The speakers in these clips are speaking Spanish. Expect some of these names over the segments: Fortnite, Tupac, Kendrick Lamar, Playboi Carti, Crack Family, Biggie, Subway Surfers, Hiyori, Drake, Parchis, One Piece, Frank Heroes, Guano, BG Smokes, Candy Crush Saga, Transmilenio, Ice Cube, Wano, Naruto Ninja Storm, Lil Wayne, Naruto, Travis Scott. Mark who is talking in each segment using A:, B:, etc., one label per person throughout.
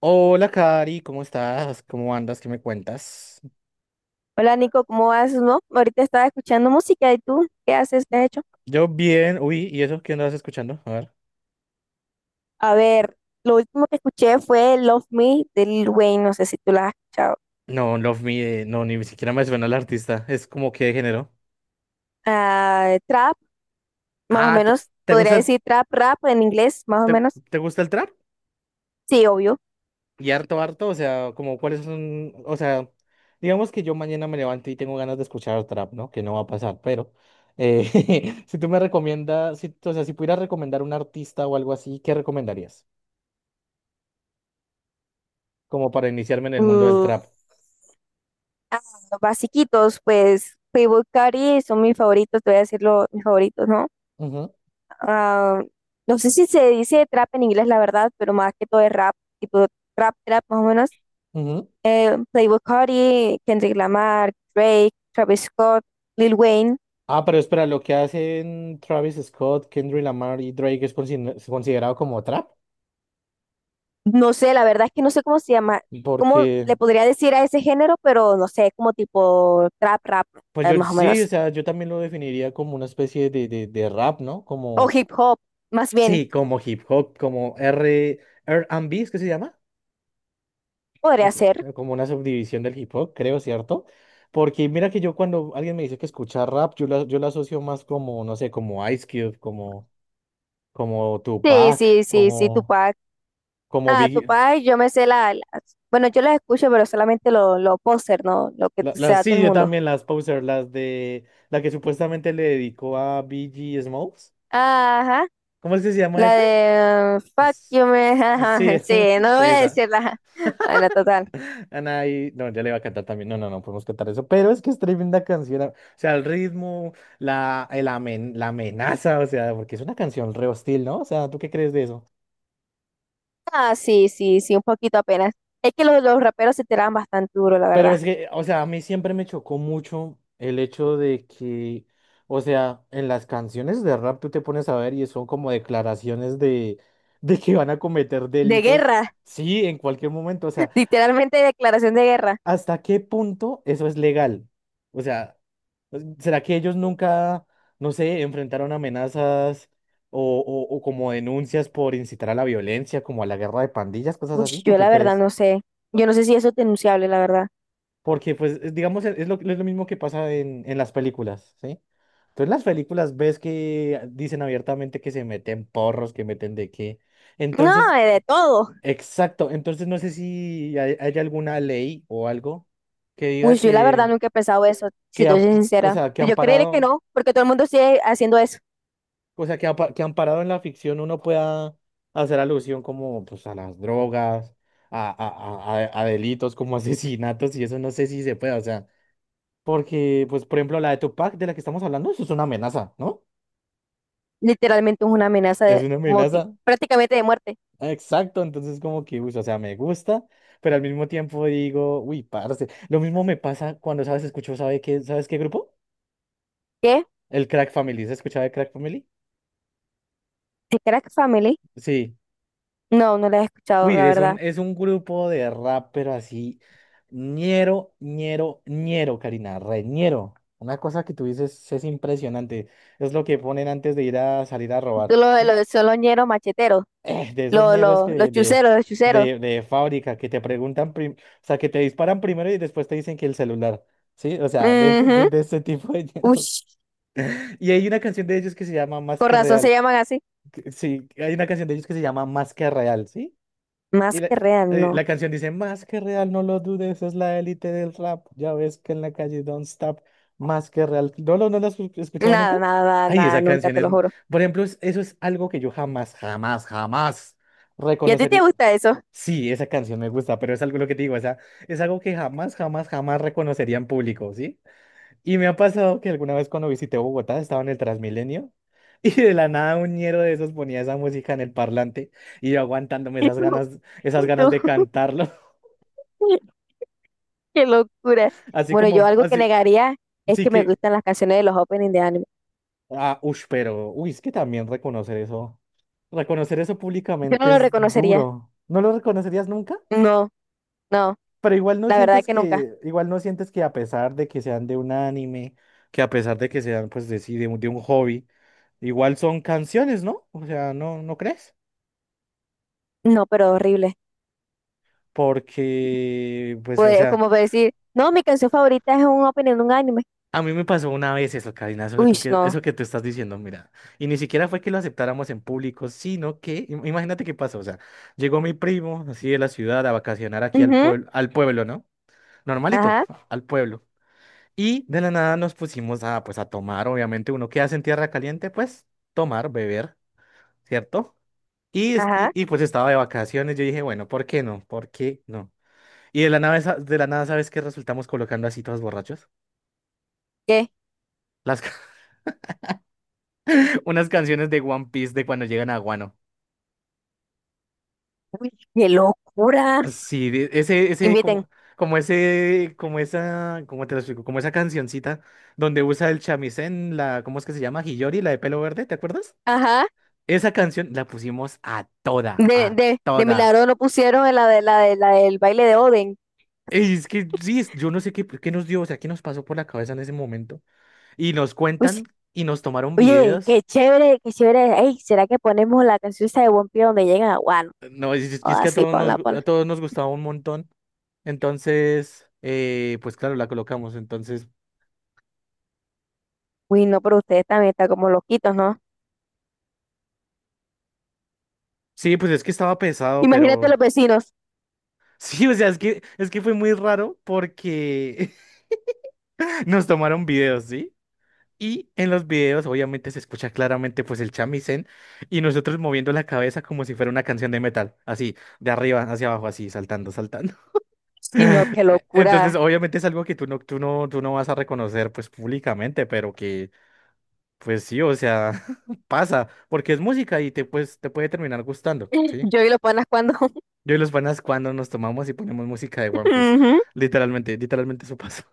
A: Hola, Cari, ¿cómo estás? ¿Cómo andas? ¿Qué me cuentas?
B: Hola Nico, ¿cómo vas? ¿No? Ahorita estaba escuchando música, y tú, ¿qué haces? ¿Qué has hecho?
A: Yo bien, uy, ¿y eso qué andabas escuchando? A ver.
B: A ver, lo último que escuché fue Love Me de Lil Wayne, no sé si tú la has escuchado.
A: No, Love Me, no, ni siquiera me suena el artista. Es como que de género.
B: Ah, trap, más o
A: Ah,
B: menos,
A: ¿te
B: podría
A: gusta el,
B: decir trap, rap en inglés, más o
A: te,
B: menos.
A: te gusta el trap?
B: Sí, obvio.
A: Y harto, harto, o sea, como cuáles son, o sea, digamos que yo mañana me levanto y tengo ganas de escuchar trap, ¿no? Que no va a pasar, pero si tú me recomiendas, si, o sea, si pudieras recomendar un artista o algo así, ¿qué recomendarías? Como para iniciarme en el mundo del
B: Mm,
A: trap.
B: ah, los basiquitos, pues Playboi Carti son mis favoritos, te voy a decir los mis favoritos, ¿no?
A: Ujú,
B: Ah, no sé si se dice trap en inglés, la verdad, pero más que todo es rap, tipo rap, trap, más o menos.
A: ujú.
B: Playboi Carti, Kendrick Lamar, Drake, Travis Scott, Lil Wayne.
A: Ah, pero espera, lo que hacen Travis Scott, Kendrick Lamar y Drake es es considerado como trap,
B: No sé, la verdad es que no sé cómo se llama, cómo
A: porque,
B: le podría decir a ese género, pero no sé, como tipo trap, rap,
A: pues yo
B: más o
A: sí, o
B: menos.
A: sea, yo también lo definiría como una especie de rap, ¿no?
B: O
A: Como,
B: hip hop, más bien,
A: sí, como hip hop, como R&B. ¿Es que se llama?
B: podría
A: Es
B: ser.
A: como una subdivisión del hip hop, creo, ¿cierto? Porque mira que yo cuando alguien me dice que escucha rap, yo la asocio más como, no sé, como Ice Cube, como
B: Sí, sí,
A: Tupac,
B: sí, sí,
A: como,
B: Tupac.
A: como
B: Ah,
A: Biggie.
B: Tupac, yo me sé la, bueno, yo las escucho, pero solamente lo póster, ¿no? Lo que se
A: Las,
B: da todo
A: sí,
B: el
A: yo
B: mundo.
A: también las poser, las de la que supuestamente le dedicó a BG Smokes.
B: Ajá,
A: ¿Cómo es que se llama
B: la
A: esa?
B: de Fuck
A: Es-
B: You Man.
A: Sí,
B: Ajá, sí, no
A: sí,
B: voy a
A: esa.
B: decirla. Bueno, total.
A: No, ya le iba a cantar también. No, no, no podemos cantar eso. Pero es que es tremenda canción. O sea, el ritmo, la amenaza, o sea, porque es una canción re hostil, ¿no? O sea, ¿tú qué crees de eso?
B: Ah, sí, sí, sí, un poquito apenas. Es que los raperos se tiraban bastante duro, la
A: Pero
B: verdad.
A: es que, o sea, a mí siempre me chocó mucho el hecho de que, o sea, en las canciones de rap tú te pones a ver y son como declaraciones de, de que van a cometer
B: De
A: delitos.
B: guerra,
A: Sí, en cualquier momento. O sea,
B: literalmente declaración de guerra.
A: ¿hasta qué punto eso es legal? O sea, pues, ¿será que ellos nunca, no sé, enfrentaron amenazas o como denuncias por incitar a la violencia, como a la guerra de pandillas, cosas
B: Uy,
A: así? ¿Tú
B: yo
A: qué
B: la verdad
A: crees?
B: no sé. Yo no sé si eso es denunciable, la verdad.
A: Porque, pues, digamos, es lo mismo que pasa en las películas, ¿sí? Entonces, en las películas ves que dicen abiertamente que se meten porros, que meten de qué.
B: No,
A: Entonces,
B: de todo.
A: exacto. Entonces, no sé si hay alguna ley o algo que
B: Uy,
A: diga
B: yo la
A: que,
B: verdad nunca he pensado eso, si
A: que
B: te
A: am-
B: soy
A: o
B: sincera.
A: sea, que,
B: Yo creeré que
A: amparado,
B: no, porque todo el mundo sigue haciendo eso.
A: o sea, que amparado en la ficción uno pueda hacer alusión como, pues, a las drogas, a delitos como asesinatos, y eso no sé si se puede, o sea. Porque, pues, por ejemplo, la de Tupac de la que estamos hablando, eso es una amenaza, ¿no?
B: Literalmente es una amenaza
A: Es
B: de
A: una amenaza.
B: prácticamente de muerte.
A: Ah, exacto, entonces como que, uy, o sea, me gusta, pero al mismo tiempo digo, uy, parce. Lo mismo me pasa cuando, ¿sabes? Escucho, ¿sabes qué grupo?
B: ¿Qué?
A: El Crack Family. ¿Se escuchaba de Crack Family?
B: ¿De Crack Family?
A: Sí.
B: No, no la he escuchado,
A: Uy,
B: la
A: es un,
B: verdad.
A: es un grupo de rap, pero así, ñero, ñero, ñero, Karina, re ñero. Una cosa que tú dices es impresionante, es lo que ponen antes de ir a salir a robar,
B: Son
A: ¿sí?
B: los, son los ñeros macheteros,
A: De esas mierdas que
B: los
A: de,
B: chuceros, los chuceros.
A: de, de fábrica que te preguntan, o sea, que te disparan primero y después te dicen que el celular, ¿sí? O sea, de, ese- de,
B: Ujú.
A: de ese tipo de
B: Uy,
A: mierdas. Y hay una canción de ellos que se llama Más
B: con
A: que
B: razón se
A: Real.
B: llaman así.
A: Sí, hay una canción de ellos que se llama Más que Real, ¿sí? Y
B: Más
A: la,
B: que real,
A: eh,
B: no.
A: la canción dice, Más que Real, no lo dudes, es la élite del rap. Ya ves que en la calle don't stop, Más que Real. ¿No, lo no la has escuchado nunca?
B: Nada, nada, nada,
A: Ay,
B: nada,
A: esa
B: nunca
A: canción
B: te
A: es,
B: lo juro.
A: por ejemplo, eso es algo que yo jamás, jamás, jamás
B: ¿Y a ti te
A: reconocería.
B: gusta eso?
A: Sí, esa canción me gusta, pero es algo lo que te digo, o sea, es algo que jamás, jamás, jamás reconocería en público, ¿sí? Y me ha pasado que alguna vez cuando visité Bogotá estaba en el Transmilenio y de la nada un ñero de esos ponía esa música en el parlante y yo aguantándome
B: ¿Y tú?
A: esas
B: ¿Y
A: ganas
B: tú?
A: de cantarlo,
B: Qué locura.
A: así
B: Bueno, yo
A: como,
B: algo que
A: así,
B: negaría es
A: sí
B: que me
A: que,
B: gustan las canciones de los openings de anime.
A: ah, ush, pero, uy, es que también reconocer eso
B: Yo no
A: públicamente
B: lo
A: es
B: reconocería.
A: duro. ¿No lo reconocerías nunca?
B: No, no,
A: Pero igual no
B: la verdad
A: sientes
B: que nunca.
A: que, igual no sientes que a pesar de que sean de un anime, que a pesar de que sean, pues, sí, de un hobby, igual son canciones, ¿no? O sea, ¿no, no crees?
B: No, pero horrible.
A: Porque, pues, o sea,
B: Como para decir, no, mi canción favorita es un opening de un anime.
A: a mí me pasó una vez eso, Karina, eso que
B: Uy,
A: tú, que,
B: no.
A: eso que tú estás diciendo, mira. Y ni siquiera fue que lo aceptáramos en público, sino que, imagínate qué pasó, o sea, llegó mi primo, así de la ciudad, a vacacionar aquí
B: Ujú.
A: al pueblo, ¿no? Normalito,
B: Ajá,
A: al pueblo. Y de la nada nos pusimos a, pues, a tomar, obviamente, uno que hace en tierra caliente, pues, tomar, beber, ¿cierto? Y, es- y,
B: ajá.
A: y, pues estaba de vacaciones, yo dije, bueno, ¿por qué no? ¿Por qué no? Y de la nada, de la nada, ¿sabes qué resultamos colocando así todos borrachos?
B: ¿Qué?
A: Las, ca- Unas canciones de One Piece de cuando llegan a Guano.
B: Uy, qué locura.
A: Sí, ese,
B: Inviten.
A: como, como esa, ¿cómo te lo explico? Como esa cancioncita donde usa el chamisén, ¿cómo es que se llama? Hiyori, la de pelo verde, ¿te acuerdas?
B: Ajá.
A: Esa canción la pusimos a toda, a
B: De
A: toda.
B: milagro no pusieron en la de la de la del baile de Oden.
A: Y es que sí, yo no sé qué, pues, qué nos dio, o sea, qué nos pasó por la cabeza en ese momento. Y nos
B: Uy, sí.
A: cuentan y nos tomaron
B: Oye, qué
A: videos.
B: chévere, qué chévere. Ey, ¿será que ponemos la canción esa de One Piece donde llegan a Wano?
A: No, y es
B: Ah,
A: que a
B: sí,
A: todos nos,
B: ponla,
A: gu- a
B: ponla.
A: todos nos gustaba un montón. Entonces, pues claro, la colocamos. Entonces,
B: Uy, no, pero ustedes también están como loquitos, ¿no?
A: sí, pues es que estaba pesado,
B: Imagínate
A: pero
B: los vecinos.
A: sí, o sea, es que fue muy raro porque nos tomaron videos, ¿sí? Y en los videos obviamente se escucha claramente pues el chamisén y nosotros moviendo la cabeza como si fuera una canción de metal, así, de arriba hacia abajo, así, saltando, saltando.
B: Sino qué
A: Entonces
B: locura.
A: obviamente es algo que tú no vas a reconocer pues públicamente, pero que pues sí, o sea, pasa, porque es música y pues, te puede terminar gustando, ¿sí?
B: Yo y los panas cuando.
A: Yo y los panas cuando nos tomamos y ponemos música de One Piece,
B: Ujú.
A: literalmente, literalmente eso pasa.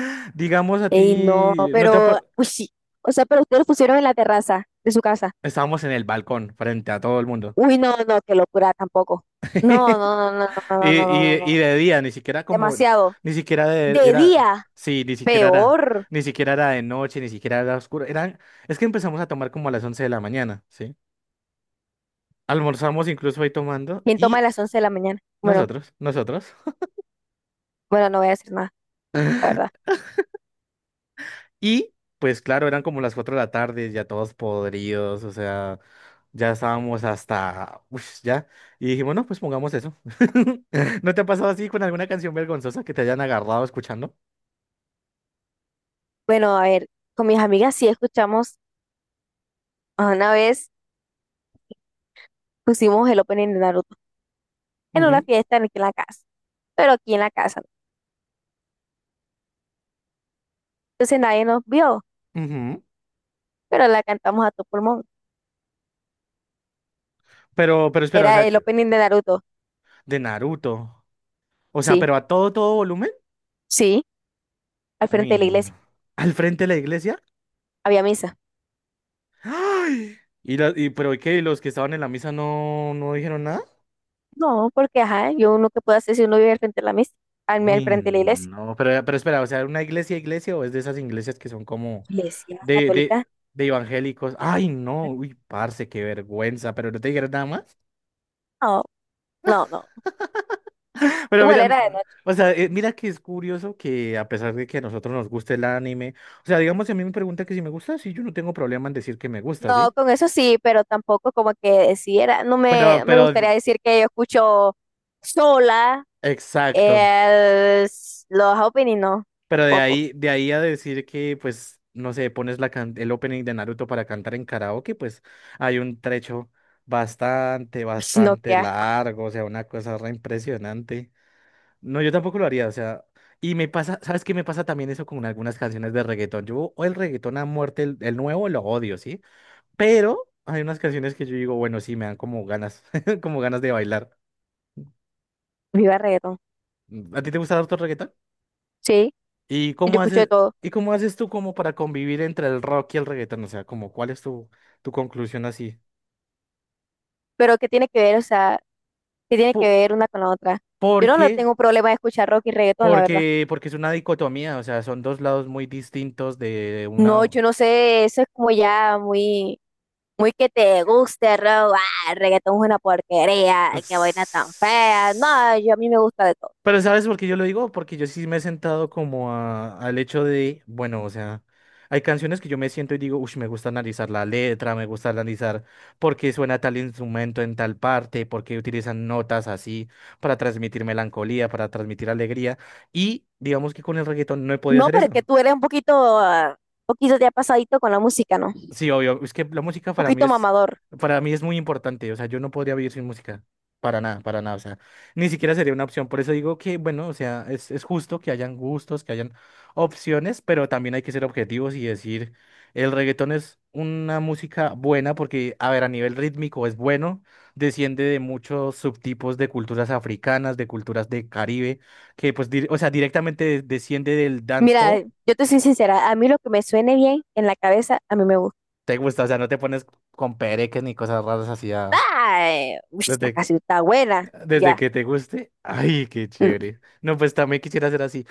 A: Digamos a
B: Ey, no,
A: ti, no te... ha
B: pero, uy, sí. O sea, pero ustedes lo pusieron en la terraza de su casa.
A: Estábamos en el balcón frente a todo el mundo.
B: Uy, no, no, qué locura tampoco. No, no, no, no, no,
A: Y,
B: no, no, no, no,
A: y, y
B: no.
A: de día, ni siquiera como,
B: Demasiado.
A: ni siquiera
B: De
A: era,
B: día.
A: sí, ni siquiera era,
B: Peor.
A: ni siquiera era de noche, ni siquiera era oscuro. Es que empezamos a tomar como a las 11 de la mañana, ¿sí? Almorzamos incluso ahí tomando
B: ¿Quién toma a
A: y
B: las 11 de la mañana? Bueno,
A: nosotros, nosotros.
B: bueno, no voy a decir nada, la verdad.
A: Y pues claro, eran como las 4 de la tarde, ya todos podridos, o sea, ya estábamos hasta, uff, ya. Y dijimos, no, pues pongamos eso. ¿No te ha pasado así con alguna canción vergonzosa que te hayan agarrado escuchando?
B: Bueno, a ver, con mis amigas sí escuchamos, a una vez pusimos el opening de Naruto en una
A: Ujú,
B: fiesta en aquí en la casa, pero aquí en la casa. ¿No? Entonces nadie nos vio,
A: ujú.
B: pero la cantamos a tu pulmón.
A: Pero espera, o
B: Era
A: sea,
B: el opening de Naruto,
A: de Naruto. O sea,
B: sí,
A: pero a todo, todo volumen.
B: sí, al
A: Uy,
B: frente de la iglesia.
A: no. ¿Al frente de la iglesia?
B: Había misa.
A: ¡Ay! ¿Y pero qué, ¿y los que estaban en la misa no, no dijeron nada?
B: No, porque ajá, yo uno que puedo hacer si uno vive al frente de la misa, al, al
A: Uy,
B: frente de la iglesia.
A: no, pero espera, o sea, ¿una iglesia, iglesia o es de esas iglesias que son como
B: Iglesia
A: de, de,
B: católica.
A: de evangélicos? Ay, no, uy, parce, qué vergüenza, pero no te dijeron nada más.
B: No, no, no.
A: Pero mira,
B: Igual era de noche.
A: o sea, mira que es curioso que a pesar de que a nosotros nos guste el anime, o sea, digamos, si a mí me pregunta que si me gusta, sí, yo no tengo problema en decir que me gusta,
B: No,
A: ¿sí?
B: con eso sí, pero tampoco como que decidiera, no
A: Pero,
B: me, me
A: pero
B: gustaría decir que yo escucho sola
A: Exacto.
B: los opening, no,
A: Pero
B: tampoco,
A: de ahí a decir que, pues, no sé, pones el opening de Naruto para cantar en karaoke, pues hay un trecho bastante,
B: sino que
A: bastante
B: asco,
A: largo, o sea, una cosa re impresionante. No, yo tampoco lo haría, o sea, y me pasa, ¿sabes qué me pasa también eso con algunas canciones de reggaetón? Yo o el reggaetón a muerte, el nuevo lo odio, ¿sí? Pero hay unas canciones que yo digo, bueno, sí, me dan como ganas, como ganas de bailar.
B: viva reggaetón,
A: ¿A ti te gusta harto el reggaetón?
B: sí,
A: ¿Y
B: yo
A: cómo
B: escucho de
A: haces,
B: todo,
A: y cómo haces tú como para convivir entre el rock y el reggaetón? O sea, como, ¿cuál es tu conclusión así?
B: pero ¿qué tiene que ver, o sea, qué tiene que
A: Po-
B: ver una con la otra? Yo no lo
A: porque,
B: tengo problema de escuchar rock y reggaetón, la verdad,
A: porque es una dicotomía, o sea, son dos lados muy distintos de una...
B: no, yo no sé, eso es como ya muy, muy que te guste, rock, ah, el reggaetón es una porquería, que vaina tan fea, no, yo a mí me gusta de todo.
A: Pero ¿sabes por qué yo lo digo? Porque yo sí me he sentado como al hecho de, bueno, o sea, hay canciones que yo me siento y digo, uff, me gusta analizar la letra, me gusta analizar por qué suena tal instrumento en tal parte, por qué utilizan notas así para transmitir melancolía, para transmitir alegría. Y digamos que con el reggaetón no he podido
B: No,
A: hacer
B: pero
A: eso.
B: que tú eres un poquito, poquito ya pasadito con la música, ¿no? Un
A: Sí, obvio. Es que la música para mí
B: poquito
A: es,
B: mamador.
A: para mí es muy importante. O sea, yo no podría vivir sin música. Para nada, para nada. O sea, ni siquiera sería una opción. Por eso digo que, bueno, o sea, es justo que hayan gustos, que hayan opciones, pero también hay que ser objetivos y decir, el reggaetón es una música buena porque, a ver, a nivel rítmico es bueno, desciende de muchos subtipos de culturas africanas, de culturas de Caribe, que pues, o sea, directamente desciende del
B: Mira,
A: dancehall.
B: yo te soy sincera, a mí lo que me suene bien en la cabeza, a mí me gusta.
A: Te gusta, o sea, no te pones con pereques ni cosas raras así.
B: Ay, uy, esta
A: Desde, que-
B: canción está buena,
A: desde
B: ya.
A: que te guste. Ay, qué
B: Mm.
A: chévere. No, pues también quisiera ser así.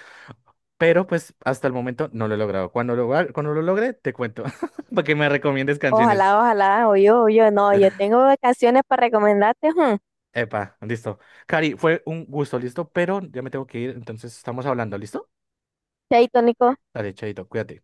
A: Pero pues hasta el momento no lo he logrado. Cuando lo logre, te cuento. Para que me recomiendes canciones.
B: Ojalá, ojalá, no, yo tengo canciones para recomendarte, hmm.
A: Epa, listo. Cari, fue un gusto, listo. Pero ya me tengo que ir. Entonces estamos hablando, ¿listo?
B: Chaito, Nico.
A: Dale, chaito, cuídate.